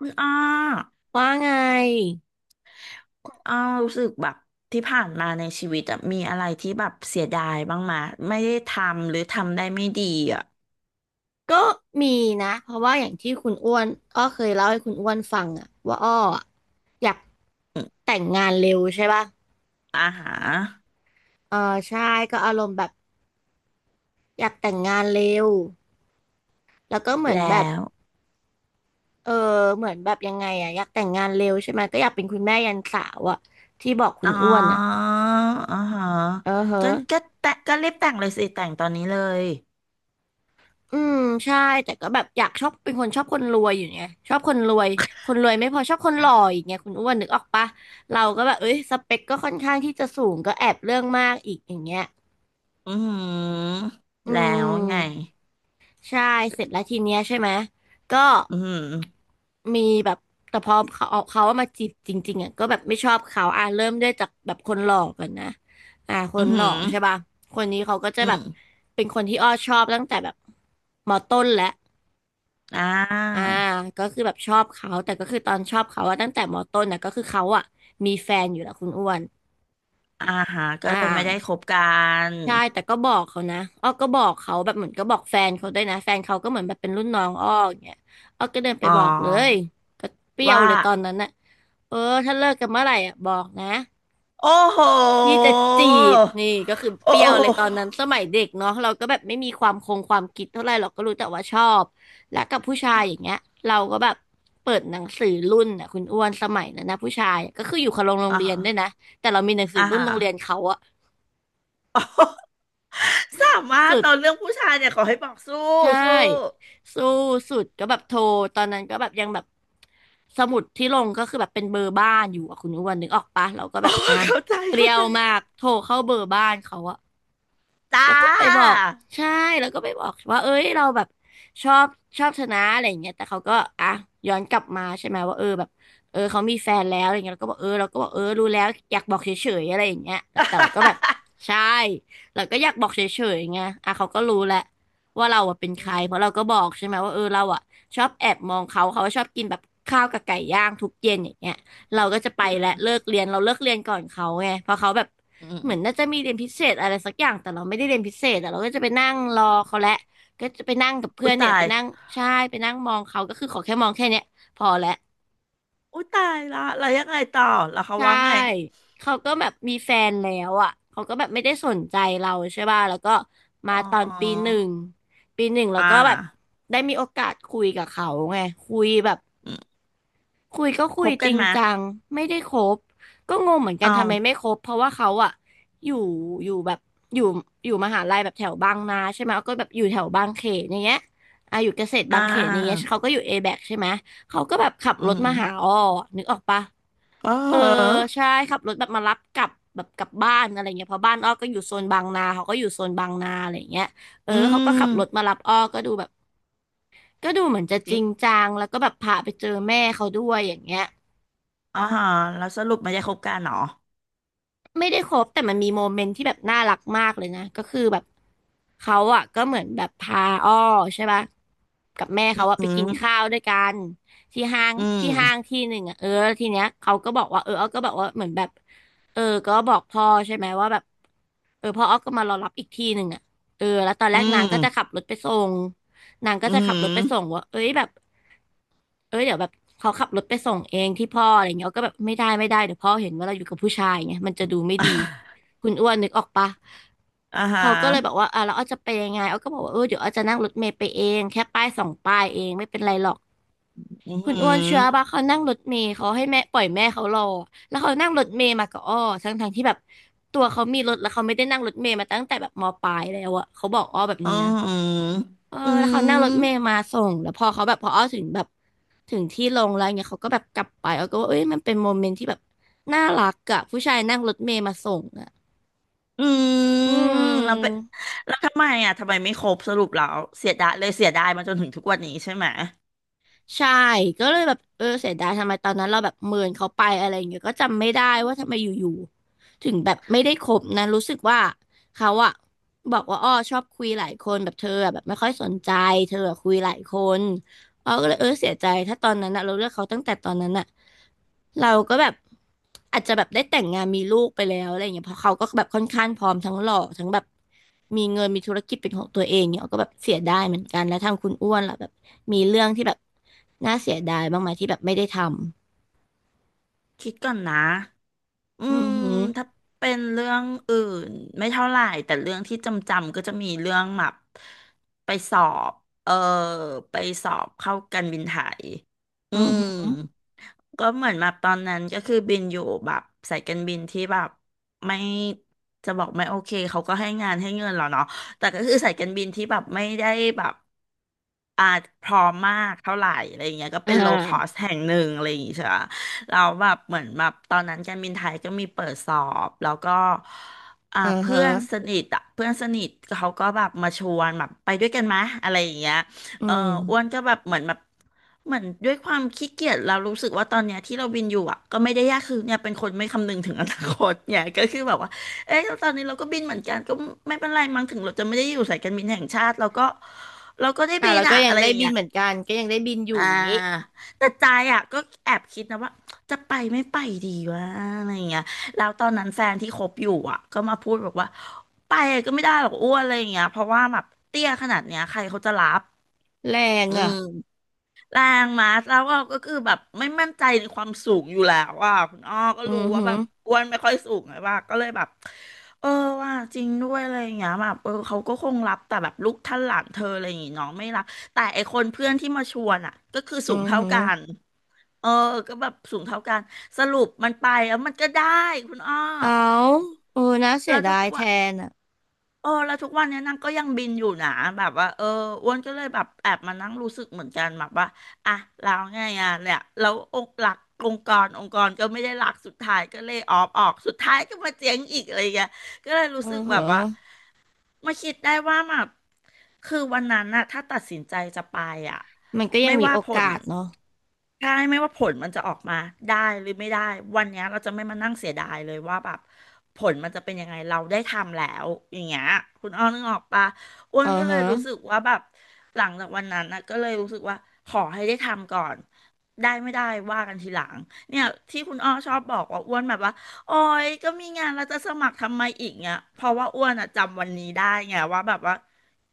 อ้อว่าไงอ้อรู้สึกแบบที่ผ่านมาในชีวิตอะมีอะไรที่แบบเสียดายบ้างมาไม่ได้ทำหรือทำได้ไม่ดีอะก็มีนะเพราะว่าอย่างที่คุณอ้วนอ้อเคยเล่าให้คุณอ้วนฟังอะว่าอ้ออะอยากอมแต่งงานเร็วใช่ป่ะอ่าฮะเออใช่ก็อารมณ์แบบอยากแต่งงานเร็วแล้วก็เหมือนแบแล้บวเออเหมือนแบบยังไงอะอยากแต่งงานเร็วใช่ไหมก็อยากเป็นคุณแม่ยันสาวอะที่บอกคุอ๋ณออ้วนอะอ่าฮะเออเฮ้อ ก็แต่ก็รีบแต่งเลยสิแต่งตอนนี้เลยอืมใช่แต่ก็แบบอยากชอบเป็นคนชอบคนรวยอยู่ไงชอบคนรวยคนรวยไม่พอชอบคนหล่ออีกไงคุณอ้วนนึกออกปะเราก็แบบเอ้ยสเปคก็ค่อนข้างที่จะสูงก็แอบเรื่องมากอีกอย่างเงี้ยอือหืออืแล้วไงมใช่เสร็จแล้วทีเนี้ยใช่ไหมก็อือหือมีแบบแต่พอเขาเอามาจีบจริงๆอ่ะก็แบบไม่ชอบเขาอ่ะเริ่มด้วยจากแบบคนหล่อก่อนนะอ่าคอืนอหหืล่ออใช่ปะคนนี้เขาก็จะอืแบมบเป็นคนที่อ้อชอบตั้งแต่แบบมอต้นแล้ว อ่าอ่าก็คือแบบชอบเขาแต่ก็คือตอนชอบเขาอะตั้งแต่มต้นนะก็คือเขาอะมีแฟนอยู่แล้วคุณอ้วนอ่าฮะก็อ่เลยไม่ได้คาบกันใช่แต่ก็บอกเขานะอ้อก็บอกเขาแบบเหมือนก็บอกแฟนเขาด้วยนะแฟนเขาก็เหมือนแบบเป็นรุ่นน้องอ้ออย่างเงี้ยอ้อก็เดินไปอ๋อบอกเลยก็เปรี้ยวว่า เลยตอนนั้นน่ะเออถ้าเลิกกันเมื่อไหร่อะบอกนะ โอ้โหพี่จะจีบนี่ก็คือโอ้เปรี้โยวเลยตห อนนั้นสมัยเด็กเนาะเราก็แบบไม่มีความคงความคิดเท่าไหร่เราก็รู้แต่ว่าชอบและกับผู้ชายอย่างเงี้ยเราก็แบบเปิดหนังสือรุ่นอ่ะคุณอ้วนสมัยนั้นนะผู้ชายอะก็คืออยู่คนละโรงอ่าเรียฮะนด้วยนะแต่เรามีหนังสืออ่ารุ่นฮะโรงเรียนเขาอะสามารถสุดนอนเรื่องผู้ชายเนี่ยขอให้บอกสู้ใช่สู้ สู้สุดก็แบบโทรตอนนั้นก็แบบยังแบบสมุดที่ลงก็คือแบบเป็นเบอร์บ้านอยู่อะคุณอ้วนนึกออกปะเราก็ แบโอ้บอ่ะเข้าใจเปรี้เข้ายใจวมากโทรเข้าเบอร์บ้านเขาอะ จ้า แล้วก็ไปบอกใช่แล้วก็ไปบอกว่าเอ้ยเราแบบชอบชอบชนะอะไรอย่างเงี้ยแต่เขาก็อ่ะย้อนกลับมาใช่ไหมว่าเออแบบเออเขามีแฟนแล้วอะไรเงี้ยเราก็บอกเออเราก็บอกเออรู้แล้วอยากบอกเฉยๆอะไรอย่างเงี้ยแต่เราก็แบบ ใช่เราก็อยากบอกเฉยๆไงอ่ะเขาก็รู้แหละว่าเราอะเป็นใคอืรมเพราะเราก็บอกใช่ไหมว่าเออเราอะชอบแอบมองเขาเขาชอบกินแบบข้าวกับไก่ย่างทุกเย็นอย่างเงี้ยเราก็จะไปอืและมเลิกเรียนเราเลิกเรียนก่อนเขาไงเพราะเขาแบบ อืเหมือนน่ามจะมีเรียนพิเศษอะไรสักอย่างแต่เราไม่ได้เรียนพิเศษแต่เราก็จะไปนั่งรอเขาแหละก็จะไปนั่งกับเพื่อุอยนเนี่ตายไปยนั่งใช่ไปนั่งมองเขาก็คือขอแค่มองแค่เนี้ยพอแล้วอุยตายละแล้วยังไงต่อแล้วเขาใช่ว่าไงเขาก็แบบมีแฟนแล้วอ่ะเขาก็แบบไม่ได้สนใจเราใช่ป่ะแล้วก็มาอ๋อตอนปีหนึ่งปีหนึ่งแล้วอ่าก็แบบได้มีโอกาสคุยกับเขาไงคุยแบบ อืมคุยก็คคุยบจกันริงมาจังไม่ได้คบก็งงเหมือนกัเอนทำไมไม่าคบเพราะว่าเขาอะอยู่อยู่แบบอยู่อยู่มหาลัยแบบแถวบางนาใช่ไหมก็แบบอยู่แถวบางเขนอย่างเงี้ยอ่ะอยู่เกษตรอ่บางเขนอย่างเงี้ยาเขาก็อยู่เอแบกใช่ไหมเขาก็แบบขับอืรถมมาหาอ้อนึกออกปะอ๋อเอออใช่ขับรถแบบมารับกลับแบบกลับบ้านอะไรเงี้ยเพราะบ้านอ้อก็อยู่โซนบางนาเขาก็อยู่โซนบางนาอะไรเงี้ยเอออืเขาก็ขับรถมามรับอ้อก็ดูแบบก็ดูเหมือนจะจจริงริงจังแล้วก็แบบพาไปเจอแม่เขาด้วยอย่างเงี้ย อ่าฮะแล้วสรุปไม่ได้คบกันเหรอไม่ได้คบแต่มันมีโมเมนต์ที่แบบน่ารักมากเลยนะก็คือแบบเขาอ่ะก็เหมือนแบบพาอ้อใช่ปะกับแม่อเขาอ่ะืไปกินข้ามวด้วยกันที่ห้างอืมที่ห้างที่หนึ่งอ่ะเออแล้วทีเนี้ยเขาก็บอกว่าเอออ้อก็บอกว่าเหมือนแบบเออก็บอกพ่อใช่ไหมว่าแบบเออพ่ออ้อก็มารอรับอีกที่หนึ่งอ่ะเออแล้วตอนแรอืกนางก็จะขับมรถไปส่งนางก็อืจะขับม รถไปส่งว่าเอ้ยแบบ เอ้ยเดี๋ยวแบบเขาขับรถไปส่งเองที่พ่ออะไรเงี้ยก็แบบไม่ได้เดี๋ยวพ่อเห็นว่าเราอยู่กับผู้ชายเงี้ยมันจะดูไม่ดี คุณอ้วนนึกออกปะอ่าฮะเขาก็เลยบอกว่าอ่ะแล้วอ้อจะไปยังไงอ้อก็บอกว่าเออเดี๋ยวอ้อจะนั่งรถเมล์ไปเองแค่ป้ายสองป้ายเองไม่เป็นไรหรอกอือคุณหือ้วนเชื่อปะอเขานั่งรถเมล์เขาให้แม่ปล่อยแม่เขารอแล้วเขานั่งรถเมล์มากับอ้อทั้งทงที่แบบตัวเขามีรถแล้วเขาไม่ได้นั่งรถเมล์มาตั้งแต่แบบมปลายแล้วอะเขาบอกอ้อแบบอือนี้นะ หือเอออืแล้วเขานั่งรถเมล์มมาส่งแล้วพอเขาแบบพออ้อถึงแบบถึงที่ลงแล้วเงี้ยเขาก็แบบกลับไปอ้อก็ว่าเอ้ยมันเป็นโมเมนต์ที่แบบน่ารักอะผู้ชายนั่งรถเมล์มาส่งอะอือืมแล้วไปมแล้วทำไมอ่ะทำไมไม่ครบสรุปแล้วเสียดายเลยเสียดายมาจนถึงทุกวันนี้ใช่ไหมใช่ก็เลยแบบเออเสียดายทำไมตอนนั้นเราแบบเมินเขาไปอะไรอย่างเงี้ยก็จำไม่ได้ว่าทำไมอยู่ๆถึงแบบไม่ได้คบนะรู้สึกว่าเขาอะบอกว่าอ้อชอบคุยหลายคนแบบเธออะแบบไม่ค่อยสนใจเธออะคุยหลายคน เ๋าก็เลยเออเสียใจถ้าตอนนั้นอะเราเลือกเขาตั้งแต่ตอนนั้นอะเราก็แบบอาจจะแบบได้แต่งงานมีลูกไปแล้วอะไรอย่างเงี้ยเพราะเขาก็แบบค่อนข้างพร้อมทั้งหล่อทั้งแบบมีเงินมีธุรกิจเป็นของตัวเองเนี่ยเราก็แบบเสียดายเหมือนกันแล้วทางคุณอ้วนล่ะแบบมีเรื่องที่แบบน่าเสียดายบ้างไหมที่แบบไม่ได้ทำคิดก่อนนะอือือมหือถ้าเป็นเรื่องอื่นไม่เท่าไหร่แต่เรื่องที่จำก็จะมีเรื่องแบบไปสอบเออไปสอบเข้ากันบินไทยอือือม หือก็เหมือนแบบตอนนั้นก็คือบินอยู่แบบสายการบินที่แบบไม่จะบอกไม่โอเคเขาก็ให้งานให้เงินเราเนาะแต่ก็คือสายการบินที่แบบไม่ได้แบบอาจพร้อมมากเท่าไหร่อะไรอย่างเงี้ยก็อ่เป็นโลคอสาแห่งหนึ่งอะไรอย่างงี้ใช่ปะเราแล้วแบบเหมือนแบบตอนนั้นการบินไทยก็มีเปิดสอบแล้วก็อ่าเพื่ฮะอนสนิทอ่ะเพื่อนสนิทเขาก็แบบมาชวนแบบไปด้วยกันไหมอะไรอย่างเงี้ยอืเออมอ้วนก็แบบเหมือนแบบ เหมือนด้วยความขี้เกียจเรารู้สึกว่าตอนเนี้ยที่เราบินอยู่อ่ะก็ไม่ได้ยากคือเนี่ยเป็นคนไม่คำนึงถึงอนาคต เนี่ยก็คือแบบว่าเอ้ยตอนนี้เราก็บินเหมือนกันก็ไม่เป็นไรมั้งถึงเราจะไม่ได้อยู่สายการบินแห่งชาติเราก็ได้อ่าบินแล้วก็อ่ะยังอะไรอได้ย่างบิเงี้นยเหมือนกันก็ยังได้บินอยู่อ่าอย่างงี้แต่ใจอ่ะก็แอบคิดนะว่าจะไปไม่ไปดีวะอะไรอย่างเงี้ยแล้วตอนนั้นแฟนที่คบอยู่อ่ะก็มาพูดบอกว่าไปก็ไม่ได้หรอกอ้วนอะไรอย่างเงี้ยเพราะว่าแบบเตี้ยขนาดเนี้ยใครเขาจะรับแรงอือ่ะม แรงมาแล้วเราก็คือแบบไม่มั่นใจในความสูงอยู่แล้วอ่ะคุณอ้อก็อืรู้อว่าหืแบอบอ้วนไม่ค่อยสูงไงว่าก็เลยแบบเออว่าจริงด้วยอะไรอย่างเงี้ยแบบเออเขาก็คงรับแต่แบบลูกท่านหลานเธออะไรอย่างงี้เน้องไม่รับแต่ไอคนเพื่อนที่มาชวนอ่ะก็คืออืสูงอเท่าหือ กันเออก็แบบสูงเท่ากันสรุปมันไปแล้วมันก็ได้คุณอ้อเอาเออน่าเสียแล้วดาทุกยแทวัน นอ่ะเออแล้วทุกวันเนี้ยนางก็ยังบินอยู่นะแบบว่าเอออ้วนก็เลยแบบแอบมานั่งรู้สึกเหมือนกันแบบว่าอ่ะแล้วไงอ่ะเนี่ยแล้วองค์หลักองค์กรก็ไม่ได้หลักสุดท้ายก็เลยออฟออกสุดท้ายก็มาเจ๊งอีกอะไรอย่างเงี้ยก็เลยรู้เอืสึอกแบฮะบว่ามาคิดได้ว่าแบบคือวันนั้นน่ะถ้าตัดสินใจจะไปอ่ะมันก็ยังไม่มีว่าโอผกาล สเนาะใช่ไม่ว่าผลมันจะออกมาได้หรือไม่ได้วันเนี้ยเราจะไม่มานั่งเสียดายเลยว่าแบบผลมันจะเป็นยังไงเราได้ทำแล้วอย่างเงี้ยคุณอ้อนึกออกปะอ้วเอืนอก็เลยฮะรู้สึกว่าแบบหลังจากวันนั้นนะก็เลยรู้สึกว่าขอให้ได้ทำก่อนได้ไม่ได้ว่ากันทีหลังเนี่ยที่คุณอ้อชอบบอกว่าอ้วนแบบว่าโอ้ยก็มีงานเราจะสมัครทำไมอีกเนี่ยเพราะว่าอ้วนอะจำวันนี้ได้ไงว่าแบบว่า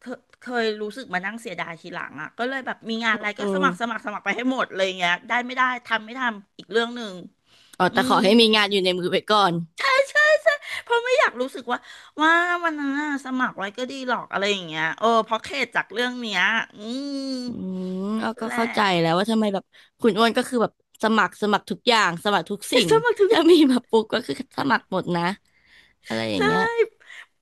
เคยรู้สึกมานั่งเสียดายทีหลังอ่ะก็เลยแบบมีงานอะไรอืก็มสมัครไปให้หมดเลยอย่างเงี้ยได้ไม่ได้ทำไม่ทำอีกเรื่องหนึ่งอ๋ออืแต่ขอมให้มีงานอยู่ในมือไว้ก่อนเพราะไม่อยากรู้สึกว่าว่าวันนั้นน่ะสมัครไว้ก็ดีหรอกอะไรอย่างเงี้ยเออเพราะเข็ดจากเรื่องเนี้ยอืมอืมเอาก็แหละ เข้าใจแล้วว่าทำไมแบบคุณอ้วนก็คือแบบสมัครทุกอย่างสมัครทุกสิ่ งสมัครทุกอถ้าย่างมีมาปุ๊บก็คือสมัครหมดนะอะไรอย่างใช่ เงี้ย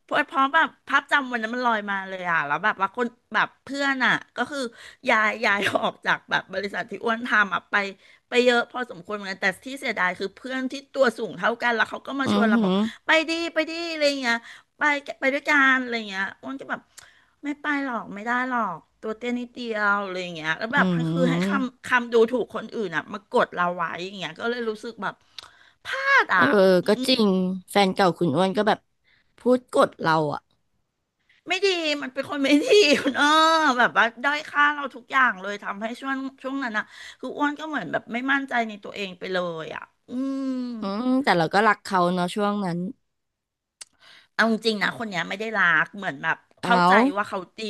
เพราะแบบภาพจำวันนั้นมันลอยมาเลยอ่ะแล้วแบบว่าคนแบบเพื่อนอ่ะก็คือย้ายออกจากแบบบริษัทที่อ้วนทำอ่ะไปเยอะพอสมควรเหมือนกันแต่ที่เสียดายคือเพื่อนที่ตัวสูงเท่ากันแล้วเขาก็มาอืชอวนเราหืบออกไปดิไปดิอะไรเงี้ยไปไปด้วยกันอะไรเงี้ยอ้วนก็แบบไม่ไปหรอกไม่ได้หรอกตัวเตี้ยนิดเดียวอะไรเงี้ยแล้วแบอืบคือให้มคำดูถูกคนอื่นอ่ะมากดเราไว้อย่างเงี้ยก็เลยรู้สึกแบบพลาดเออ่ะ อก็จริงแฟนเก่าคุณอ้วนก็แบบพูดกดเราอ่ะไม่ดีมันเป็นคนไม่ดี คุณเออแบบว่าด้อยค่าเราทุกอย่างเลยทำให้ช่วงนั้นนะคืออ้วนก็เหมือนแบบไม่มั่นใจในตัวเองไปเลยอ่ะอืมอืมแต่เราก็รักเขาเนาะช่วงนั้นเอาจริงๆนะคนเนี้ยไม่ได้รักเหมือนแบบเข้าเอาใจว่าเขาดี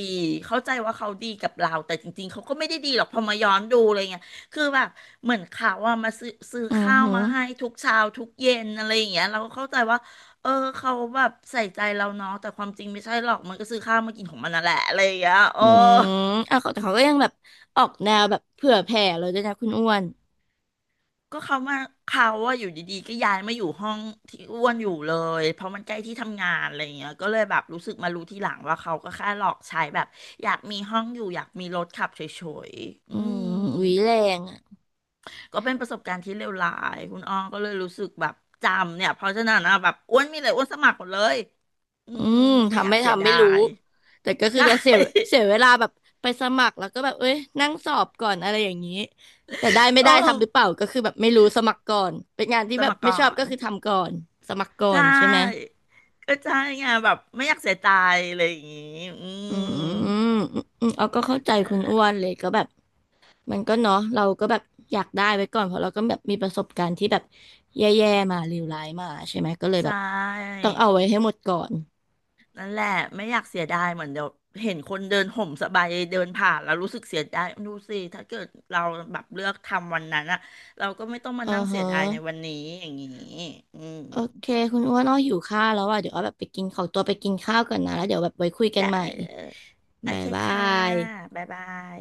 เข้าใจว่าเขาดีกับเราแต่จริงๆเขาก็ไม่ได้ดีหรอกพอมาย้อนดูอะไรเงี้ยคือแบบเหมือนเขาว่ามาซื้ออือข้าวหือ มาให้ทุกเช้าทุกเย็นอะไรอย่างเงี้ยเราก็เข้าใจว่าเออเขาแบบใส่ใจเราเนาะแต่ความจริงไม่ใช่หรอกมันก็ซื้อข้าวมากินของมันนั่นแหละอะไรอย่างเงี้ยเออ อืมอ่ะเขาแต่เขาก็ยังแบบออกแนวแบบเผื่อแผ่เลยด้วยนะคุณอ้วนก็เขามาเขาว่าอยู่ดีๆก็ย้ายมาอยู่ห้องที่อ้วนอยู่เลยเพราะมันใกล้ที่ทำงานอะไรอย่างเงี้ยก็เลยแบบรู้สึกมารู้ทีหลังว่าเขาก็แค่หลอกใช้แบบอยากมีห้องอยู่อยากมีรถขับเฉยๆอือืมมหวีแรงอ่ะก็เป็นประสบการณ์ที่เลวร้ายคุณอ้อก็เลยรู้สึกแบบจำเนี่ยเพราะฉะนั้นนะแบบอ้วนมีอะไรอ้วนสมัครหมดเลยอือืมมไม่อทำยากไม่เสียทำไม่ดารู้ยแต่ก็คือใช่ จะเสียเวลาแบบไปสมัครแล้วก็แบบเอ้ยนั่งสอบก่อนอะไรอย่างนี้แต่ได้ ไม่ได้เออทำหรือเปล่าก็คือแบบไม่รู้สมัครก่อนเป็นงานที่สแบบมัครไม่ก่อชอบก็นคือทำก่อนสมัครก่อใชนใช่ไหม ่ก็ใช่ไงแบบไม่อยากเสียใจอะไรอย่างงี้อือืมม อืมเอาก็เข้าใจนั่คุนณแหอ้วละนเลยก็แบบมันก็เนาะเราก็แบบอยากได้ไว้ก่อนเพราะเราก็แบบมีประสบการณ์ที่แบบแย่ๆมาเลวร้ายมาใช่ไหมก็เลยแบใช่บต้องเอาไว้ให้หมดก่อนนั่นแหละไม่อยากเสียดายเหมือนเดี๋ยวเห็นคนเดินห่มสบายเดินผ่านแล้วรู้สึกเสียดายดูสิถ้าเกิดเราแบบเลือกทำวันนั้นอะเราก็ไม่ต้องเอมาอนั่งเสียฮะดายในวันนี้อย่างนี้อืมโอเคคุณอ้วนอ้อหิวข้าวแล้วอ่ะเดี๋ยวอ้อแบบไปกินขอตัวไปกินข้าวก่อนนะแล้วเดี๋ยวแบบไว้คุยกันได้ใหม่เลยโอบ๊ายเคบาค่ะยบ๊ายบาย